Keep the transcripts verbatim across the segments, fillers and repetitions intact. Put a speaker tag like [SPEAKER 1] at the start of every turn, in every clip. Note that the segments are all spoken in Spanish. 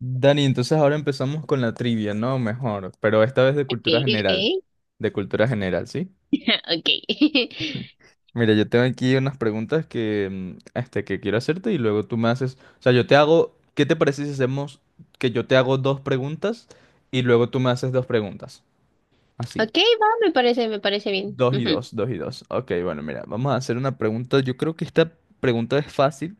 [SPEAKER 1] Dani, entonces ahora empezamos con la trivia, ¿no? Mejor, pero esta vez de
[SPEAKER 2] Ok,
[SPEAKER 1] cultura
[SPEAKER 2] ok.
[SPEAKER 1] general. De cultura general, ¿sí?
[SPEAKER 2] Ok.
[SPEAKER 1] Mira, yo tengo aquí unas preguntas que, mm, este, que quiero hacerte y luego tú me haces... O sea, yo te hago... ¿Qué te parece si hacemos que yo te hago dos preguntas y luego tú me haces dos preguntas? Así.
[SPEAKER 2] Ok, va, me parece, me parece bien.
[SPEAKER 1] Dos y
[SPEAKER 2] Ujú.
[SPEAKER 1] dos, dos y dos. Ok, bueno, mira, vamos a hacer una pregunta. Yo creo que esta pregunta es fácil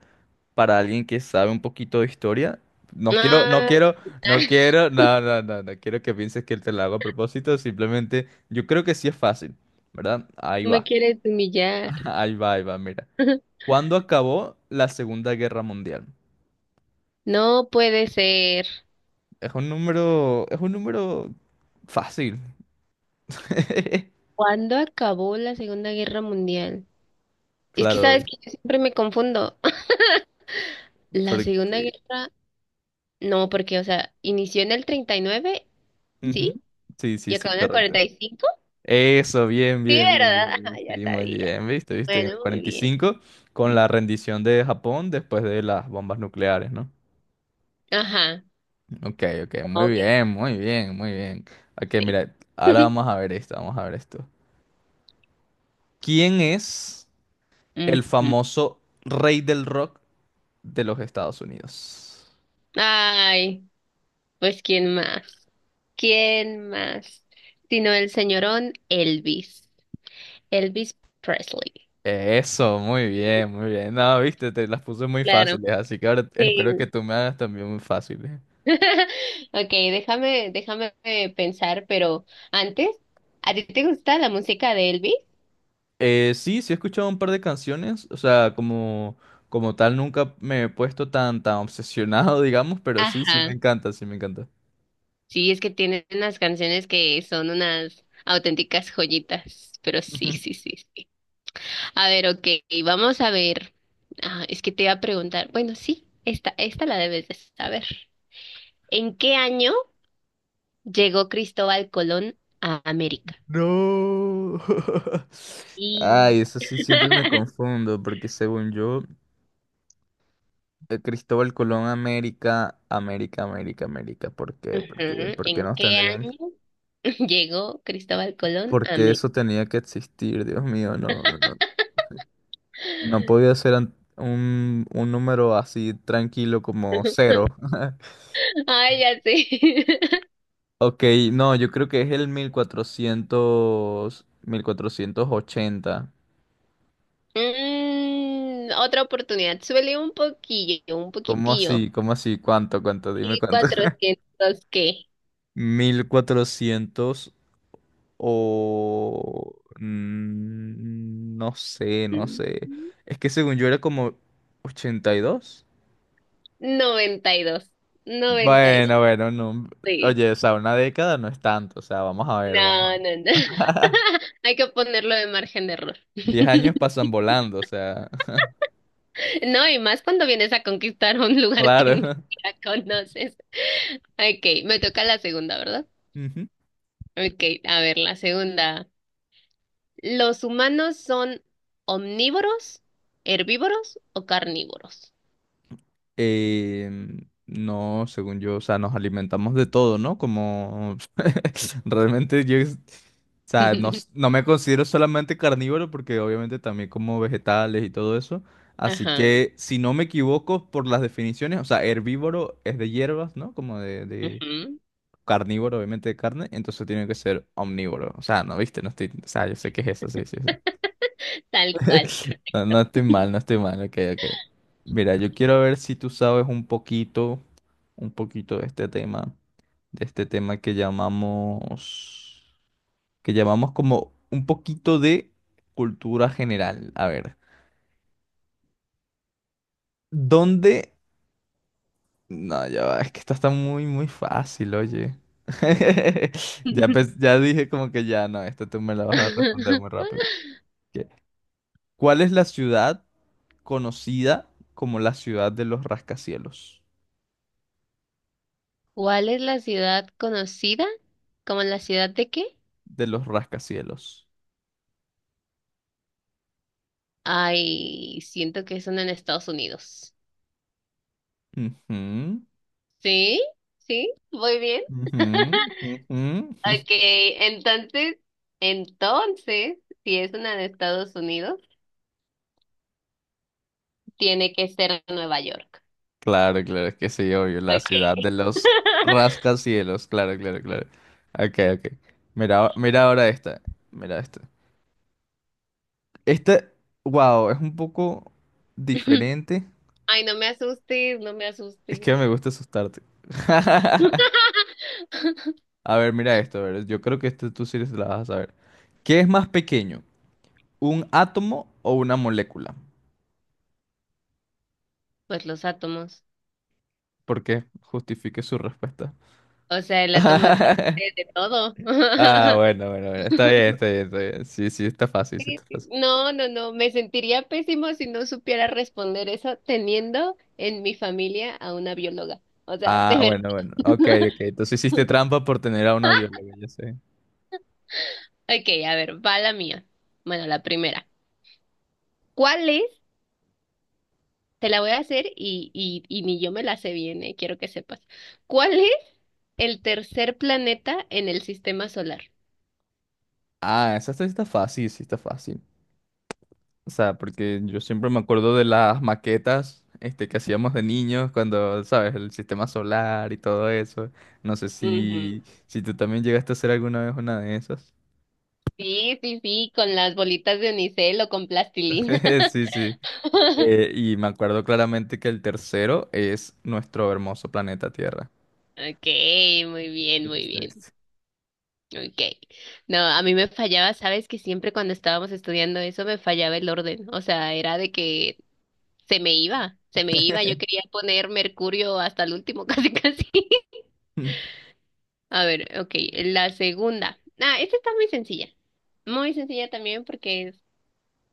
[SPEAKER 1] para alguien que sabe un poquito de historia. No quiero, no
[SPEAKER 2] Ah,
[SPEAKER 1] quiero, no quiero, no, no, no, no quiero que pienses que te lo hago a propósito. Simplemente, yo creo que sí es fácil, ¿verdad? Ahí
[SPEAKER 2] me
[SPEAKER 1] va,
[SPEAKER 2] quieres humillar.
[SPEAKER 1] ahí va, ahí va, mira. ¿Cuándo acabó la Segunda Guerra Mundial?
[SPEAKER 2] No puede ser.
[SPEAKER 1] Es un número, es un número fácil.
[SPEAKER 2] ¿Cuándo acabó la Segunda Guerra Mundial? Es que
[SPEAKER 1] Claro,
[SPEAKER 2] sabes que yo siempre me confundo. La Segunda
[SPEAKER 1] porque...
[SPEAKER 2] Guerra, no, porque, o sea, inició en el treinta y nueve,
[SPEAKER 1] ujú.
[SPEAKER 2] ¿sí?
[SPEAKER 1] Sí, sí,
[SPEAKER 2] Y
[SPEAKER 1] sí,
[SPEAKER 2] acabó en el
[SPEAKER 1] correcto.
[SPEAKER 2] cuarenta y cinco.
[SPEAKER 1] Eso, bien,
[SPEAKER 2] Sí,
[SPEAKER 1] bien, bien,
[SPEAKER 2] ¿verdad?
[SPEAKER 1] bien,
[SPEAKER 2] Ajá,
[SPEAKER 1] bien.
[SPEAKER 2] ya
[SPEAKER 1] Sí, muy
[SPEAKER 2] sabía.
[SPEAKER 1] bien, viste, viste, en el
[SPEAKER 2] Bueno, muy bien.
[SPEAKER 1] cuarenta y cinco con la rendición de Japón después de las bombas nucleares, ¿no?
[SPEAKER 2] Ajá.
[SPEAKER 1] Ok, ok, muy
[SPEAKER 2] Ok,
[SPEAKER 1] bien, muy bien, muy bien. Ok,
[SPEAKER 2] sí.
[SPEAKER 1] mira, ahora vamos a ver esto, vamos a ver esto. ¿Quién es el
[SPEAKER 2] Ujú.
[SPEAKER 1] famoso rey del rock de los Estados Unidos?
[SPEAKER 2] Ay. Pues ¿quién más? ¿Quién más? Sino el señorón Elvis, Elvis Presley.
[SPEAKER 1] Eso, muy bien, muy bien. No, viste, te las puse muy
[SPEAKER 2] Claro,
[SPEAKER 1] fáciles, así que ahora espero que
[SPEAKER 2] sí.
[SPEAKER 1] tú me hagas también muy fáciles.
[SPEAKER 2] Ok, déjame, déjame eh, pensar, pero antes, ¿a ti te gusta la música de Elvis?
[SPEAKER 1] Eh, sí, sí he escuchado un par de canciones, o sea, como, como tal nunca me he puesto tan, tan obsesionado, digamos, pero sí, sí me
[SPEAKER 2] Ajá,
[SPEAKER 1] encanta, sí me encanta.
[SPEAKER 2] sí, es que tiene unas canciones que son unas auténticas joyitas, pero sí, sí, sí, sí. A ver, ok, vamos a ver. Ah, es que te iba a preguntar, bueno, sí, esta, esta la debes de saber. ¿En qué año llegó Cristóbal Colón a América?
[SPEAKER 1] No.
[SPEAKER 2] Y...
[SPEAKER 1] Ay, eso sí siempre me confundo, porque según yo, eh, Cristóbal Colón, América, América, América, América, ¿por qué?
[SPEAKER 2] Ujú,
[SPEAKER 1] ¿Por qué? ¿Por qué
[SPEAKER 2] ¿en
[SPEAKER 1] nos
[SPEAKER 2] qué
[SPEAKER 1] tendrían?
[SPEAKER 2] año llegó Cristóbal Colón
[SPEAKER 1] ¿Por
[SPEAKER 2] a
[SPEAKER 1] qué
[SPEAKER 2] América?
[SPEAKER 1] eso tenía que existir? Dios mío, no, no, no podía ser an- un, un número así tranquilo como cero.
[SPEAKER 2] Ay, ya sé.
[SPEAKER 1] Ok, no, yo creo que es el mil mil cuatrocientos mil cuatrocientos ochenta.
[SPEAKER 2] Mm, otra oportunidad. Suele un poquillo, un
[SPEAKER 1] ¿Cómo
[SPEAKER 2] poquitillo.
[SPEAKER 1] así? ¿Cómo así? ¿Cuánto? ¿Cuánto? Dime
[SPEAKER 2] ¿Y
[SPEAKER 1] cuánto.
[SPEAKER 2] cuatrocientos qué?
[SPEAKER 1] Mil cuatrocientos o... mm, no sé, no
[SPEAKER 2] Mm,
[SPEAKER 1] sé. Es que según yo era como ochenta y dos.
[SPEAKER 2] noventa y dos. Noventa y dos,
[SPEAKER 1] Bueno, bueno, no.
[SPEAKER 2] sí.
[SPEAKER 1] Oye, o sea, una década no es tanto. O sea, vamos a ver, vamos a
[SPEAKER 2] No,
[SPEAKER 1] ver.
[SPEAKER 2] no, no. Hay que ponerlo de margen de error.
[SPEAKER 1] Diez años pasan volando, o sea,
[SPEAKER 2] No, y más cuando vienes a conquistar un lugar que ni
[SPEAKER 1] claro.
[SPEAKER 2] siquiera conoces. Ok, me toca la segunda, ¿verdad? Ok, a ver, la segunda. ¿Los humanos son omnívoros, herbívoros o carnívoros?
[SPEAKER 1] Em, no, según yo, o sea, nos alimentamos de todo, ¿no? Como realmente yo, es- o sea, no, s- no me considero solamente carnívoro porque obviamente también como vegetales y todo eso. Así
[SPEAKER 2] Ajá,
[SPEAKER 1] que, si no me equivoco por las definiciones, o sea, herbívoro es de hierbas, ¿no? Como de, de
[SPEAKER 2] ujú.
[SPEAKER 1] carnívoro, obviamente de carne, entonces tiene que ser omnívoro. O sea, no, viste, no estoy, o sea, yo sé que es eso, sí, sí, sí.
[SPEAKER 2] Tal cual.
[SPEAKER 1] No, no estoy mal, no estoy mal, ok, ok. Mira, yo quiero ver si tú sabes un poquito, un poquito de este tema, de este tema que llamamos, que llamamos como un poquito de cultura general. A ver, ¿dónde? No, ya va, es que esta está muy, muy fácil, oye. Ya, pens- ya dije como que ya, no, esta tú me la vas a responder muy rápido. Ok. ¿Cuál es la ciudad conocida como la ciudad de los rascacielos?
[SPEAKER 2] ¿Cuál es la ciudad conocida como la ciudad de qué?
[SPEAKER 1] De los rascacielos.
[SPEAKER 2] Ay, siento que son en Estados Unidos.
[SPEAKER 1] Ujú,
[SPEAKER 2] ¿Sí? ¿Sí? Muy bien.
[SPEAKER 1] ujú, ujú.
[SPEAKER 2] Ok, entonces, entonces, si es una de Estados Unidos, tiene que ser Nueva York.
[SPEAKER 1] Claro, claro, es que sí, obvio, la ciudad
[SPEAKER 2] Okay.
[SPEAKER 1] de los rascacielos, claro, claro, claro. Ok, ok. Mira, mira ahora esta, mira esta. Esta, wow, es un poco diferente.
[SPEAKER 2] Ay, no me asustes, no me
[SPEAKER 1] Es
[SPEAKER 2] asustes.
[SPEAKER 1] que me gusta asustarte. A ver, mira esto, a ver, yo creo que este tú sí la vas a saber. ¿Qué es más pequeño, un átomo o una molécula?
[SPEAKER 2] Pues los átomos.
[SPEAKER 1] Porque justifique su respuesta.
[SPEAKER 2] O sea, el átomo es la base de todo.
[SPEAKER 1] Ah, bueno, bueno, bueno. Está bien, está bien, está bien. Sí, sí, está fácil, sí,
[SPEAKER 2] Sí,
[SPEAKER 1] está
[SPEAKER 2] sí.
[SPEAKER 1] fácil.
[SPEAKER 2] No, no, no. Me sentiría pésimo si no supiera responder eso teniendo en mi familia a una bióloga. O sea, de
[SPEAKER 1] Ah, bueno,
[SPEAKER 2] verdad.
[SPEAKER 1] bueno. Ok, ok. Entonces hiciste trampa por tener a una bióloga, ya sé.
[SPEAKER 2] Ok, a ver, va la mía. Bueno, la primera. ¿Cuál es? Te la voy a hacer y, y, y ni yo me la sé bien, eh, quiero que sepas. ¿Cuál es el tercer planeta en el sistema solar?
[SPEAKER 1] Ah, esa está, está fácil, sí, está fácil. O sea, porque yo siempre me acuerdo de las maquetas, este, que hacíamos de niños cuando, ¿sabes? El sistema solar y todo eso. No sé
[SPEAKER 2] Ujú.
[SPEAKER 1] si, si tú también llegaste a hacer alguna vez una de esas.
[SPEAKER 2] Sí, sí, sí, con las bolitas de unicel o con plastilina.
[SPEAKER 1] Sí, sí. Eh, y me acuerdo claramente que el tercero es nuestro hermoso planeta Tierra.
[SPEAKER 2] Ok, muy bien, muy
[SPEAKER 1] Viste,
[SPEAKER 2] bien.
[SPEAKER 1] viste.
[SPEAKER 2] Ok. No, a mí me fallaba, sabes que siempre cuando estábamos estudiando eso me fallaba el orden. O sea, era de que se me iba, se me iba. Yo quería poner Mercurio hasta el último, casi, casi. A ver, ok, la segunda. Ah, esta está muy sencilla. Muy sencilla también porque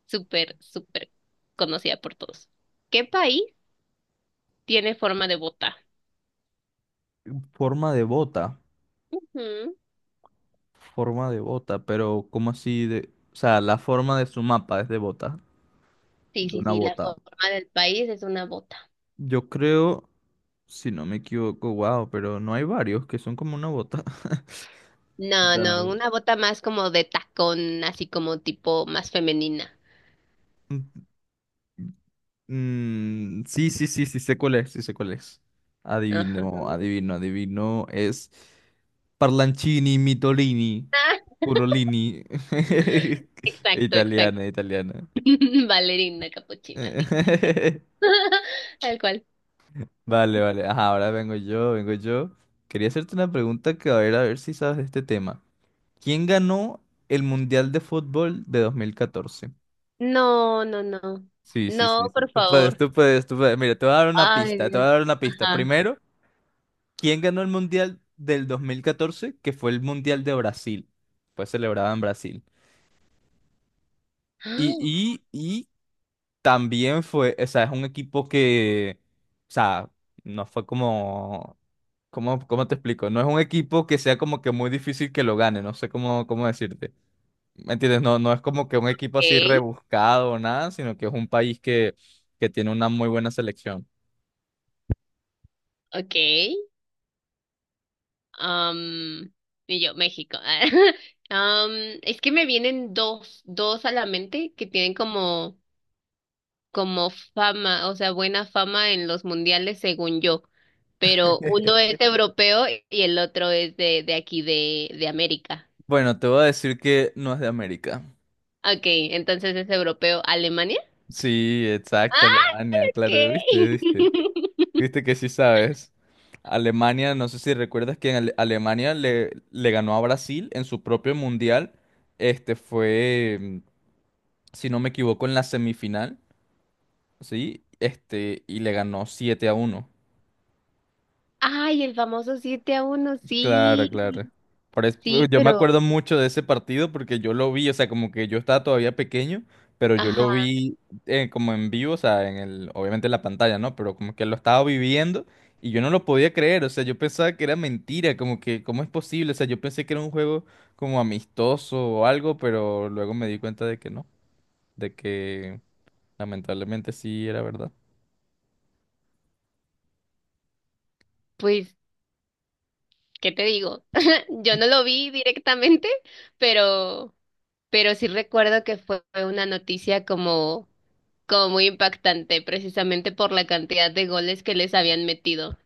[SPEAKER 2] súper, súper conocida por todos. ¿Qué país tiene forma de bota?
[SPEAKER 1] Forma de bota.
[SPEAKER 2] Ujú.
[SPEAKER 1] Forma de bota, pero ¿cómo así de...? O sea, la forma de su mapa es de bota,
[SPEAKER 2] Sí,
[SPEAKER 1] de
[SPEAKER 2] sí,
[SPEAKER 1] una
[SPEAKER 2] sí, la
[SPEAKER 1] bota.
[SPEAKER 2] forma del país es una bota.
[SPEAKER 1] Yo creo, si no me equivoco, wow, pero no hay varios que son como una bota.
[SPEAKER 2] No,
[SPEAKER 1] Da-
[SPEAKER 2] no, una bota más como de tacón, así como tipo más femenina.
[SPEAKER 1] Mm, sí, sí, sí, sí, sé cuál es, sí sé cuál es.
[SPEAKER 2] Ajá.
[SPEAKER 1] Adivino, adivino, adivino. Es Parlancini, Mitolini,
[SPEAKER 2] Ah,
[SPEAKER 1] Curolini.
[SPEAKER 2] exacto,
[SPEAKER 1] Italiana,
[SPEAKER 2] exacto.
[SPEAKER 1] italiana.
[SPEAKER 2] Valerina capuchina, sí. Tal cual.
[SPEAKER 1] Vale, vale. Ajá, ahora vengo yo, vengo yo. Quería hacerte una pregunta que a ver, a ver si sabes de este tema. ¿Quién ganó el Mundial de Fútbol de dos mil catorce?
[SPEAKER 2] No, no, no.
[SPEAKER 1] Sí, sí,
[SPEAKER 2] No,
[SPEAKER 1] sí, sí.
[SPEAKER 2] por
[SPEAKER 1] Tú puedes,
[SPEAKER 2] favor.
[SPEAKER 1] tú puedes, tú puedes. Mira, te voy a dar una
[SPEAKER 2] Ay,
[SPEAKER 1] pista, te voy
[SPEAKER 2] Dios.
[SPEAKER 1] a dar una pista.
[SPEAKER 2] Ajá.
[SPEAKER 1] Primero, ¿quién ganó el Mundial del dos mil catorce? Que fue el Mundial de Brasil. Fue celebrado en Brasil. Y,
[SPEAKER 2] Ah,
[SPEAKER 1] y, y también fue, o sea, es un equipo que, o sea, no fue como, ¿cómo, cómo te explico? No es un equipo que sea como que muy difícil que lo gane, no sé cómo, cómo decirte. ¿Me entiendes? No, no es como que un equipo
[SPEAKER 2] ok,
[SPEAKER 1] así rebuscado o nada, sino que es un país que, que tiene una muy buena selección.
[SPEAKER 2] ok. Am, y yo, México. Am, es que me vienen dos, dos a la mente que tienen como, como fama, o sea, buena fama en los mundiales, según yo. Pero uno es europeo y el otro es de, de aquí, de, de América.
[SPEAKER 1] Bueno, te voy a decir que no es de América.
[SPEAKER 2] Ok, entonces es europeo, Alemania.
[SPEAKER 1] Sí, exacto,
[SPEAKER 2] Ah,
[SPEAKER 1] Alemania,
[SPEAKER 2] ok.
[SPEAKER 1] claro, viste, viste. Viste que sí sabes. Alemania, no sé si recuerdas que en Ale- Alemania le, le ganó a Brasil en su propio mundial. Este fue, mm, si no me equivoco, en la semifinal, ¿sí? Este, y le ganó siete a uno.
[SPEAKER 2] Ay, el famoso siete a uno, sí.
[SPEAKER 1] Claro, claro. Por es- pues,
[SPEAKER 2] Sí,
[SPEAKER 1] yo me
[SPEAKER 2] pero,
[SPEAKER 1] acuerdo mucho de ese partido porque yo lo vi, o sea, como que yo estaba todavía pequeño, pero yo
[SPEAKER 2] ajá,
[SPEAKER 1] lo vi eh, como en vivo, o sea, en el, obviamente en la pantalla, ¿no? Pero como que lo estaba viviendo y yo no lo podía creer, o sea, yo pensaba que era mentira, como que, ¿cómo es posible? O sea, yo pensé que era un juego como amistoso o algo, pero luego me di cuenta de que no, de que lamentablemente sí era verdad.
[SPEAKER 2] pues, ¿qué te digo? Yo no lo vi directamente, pero, pero sí recuerdo que fue una noticia como, como muy impactante, precisamente por la cantidad de goles que les habían metido.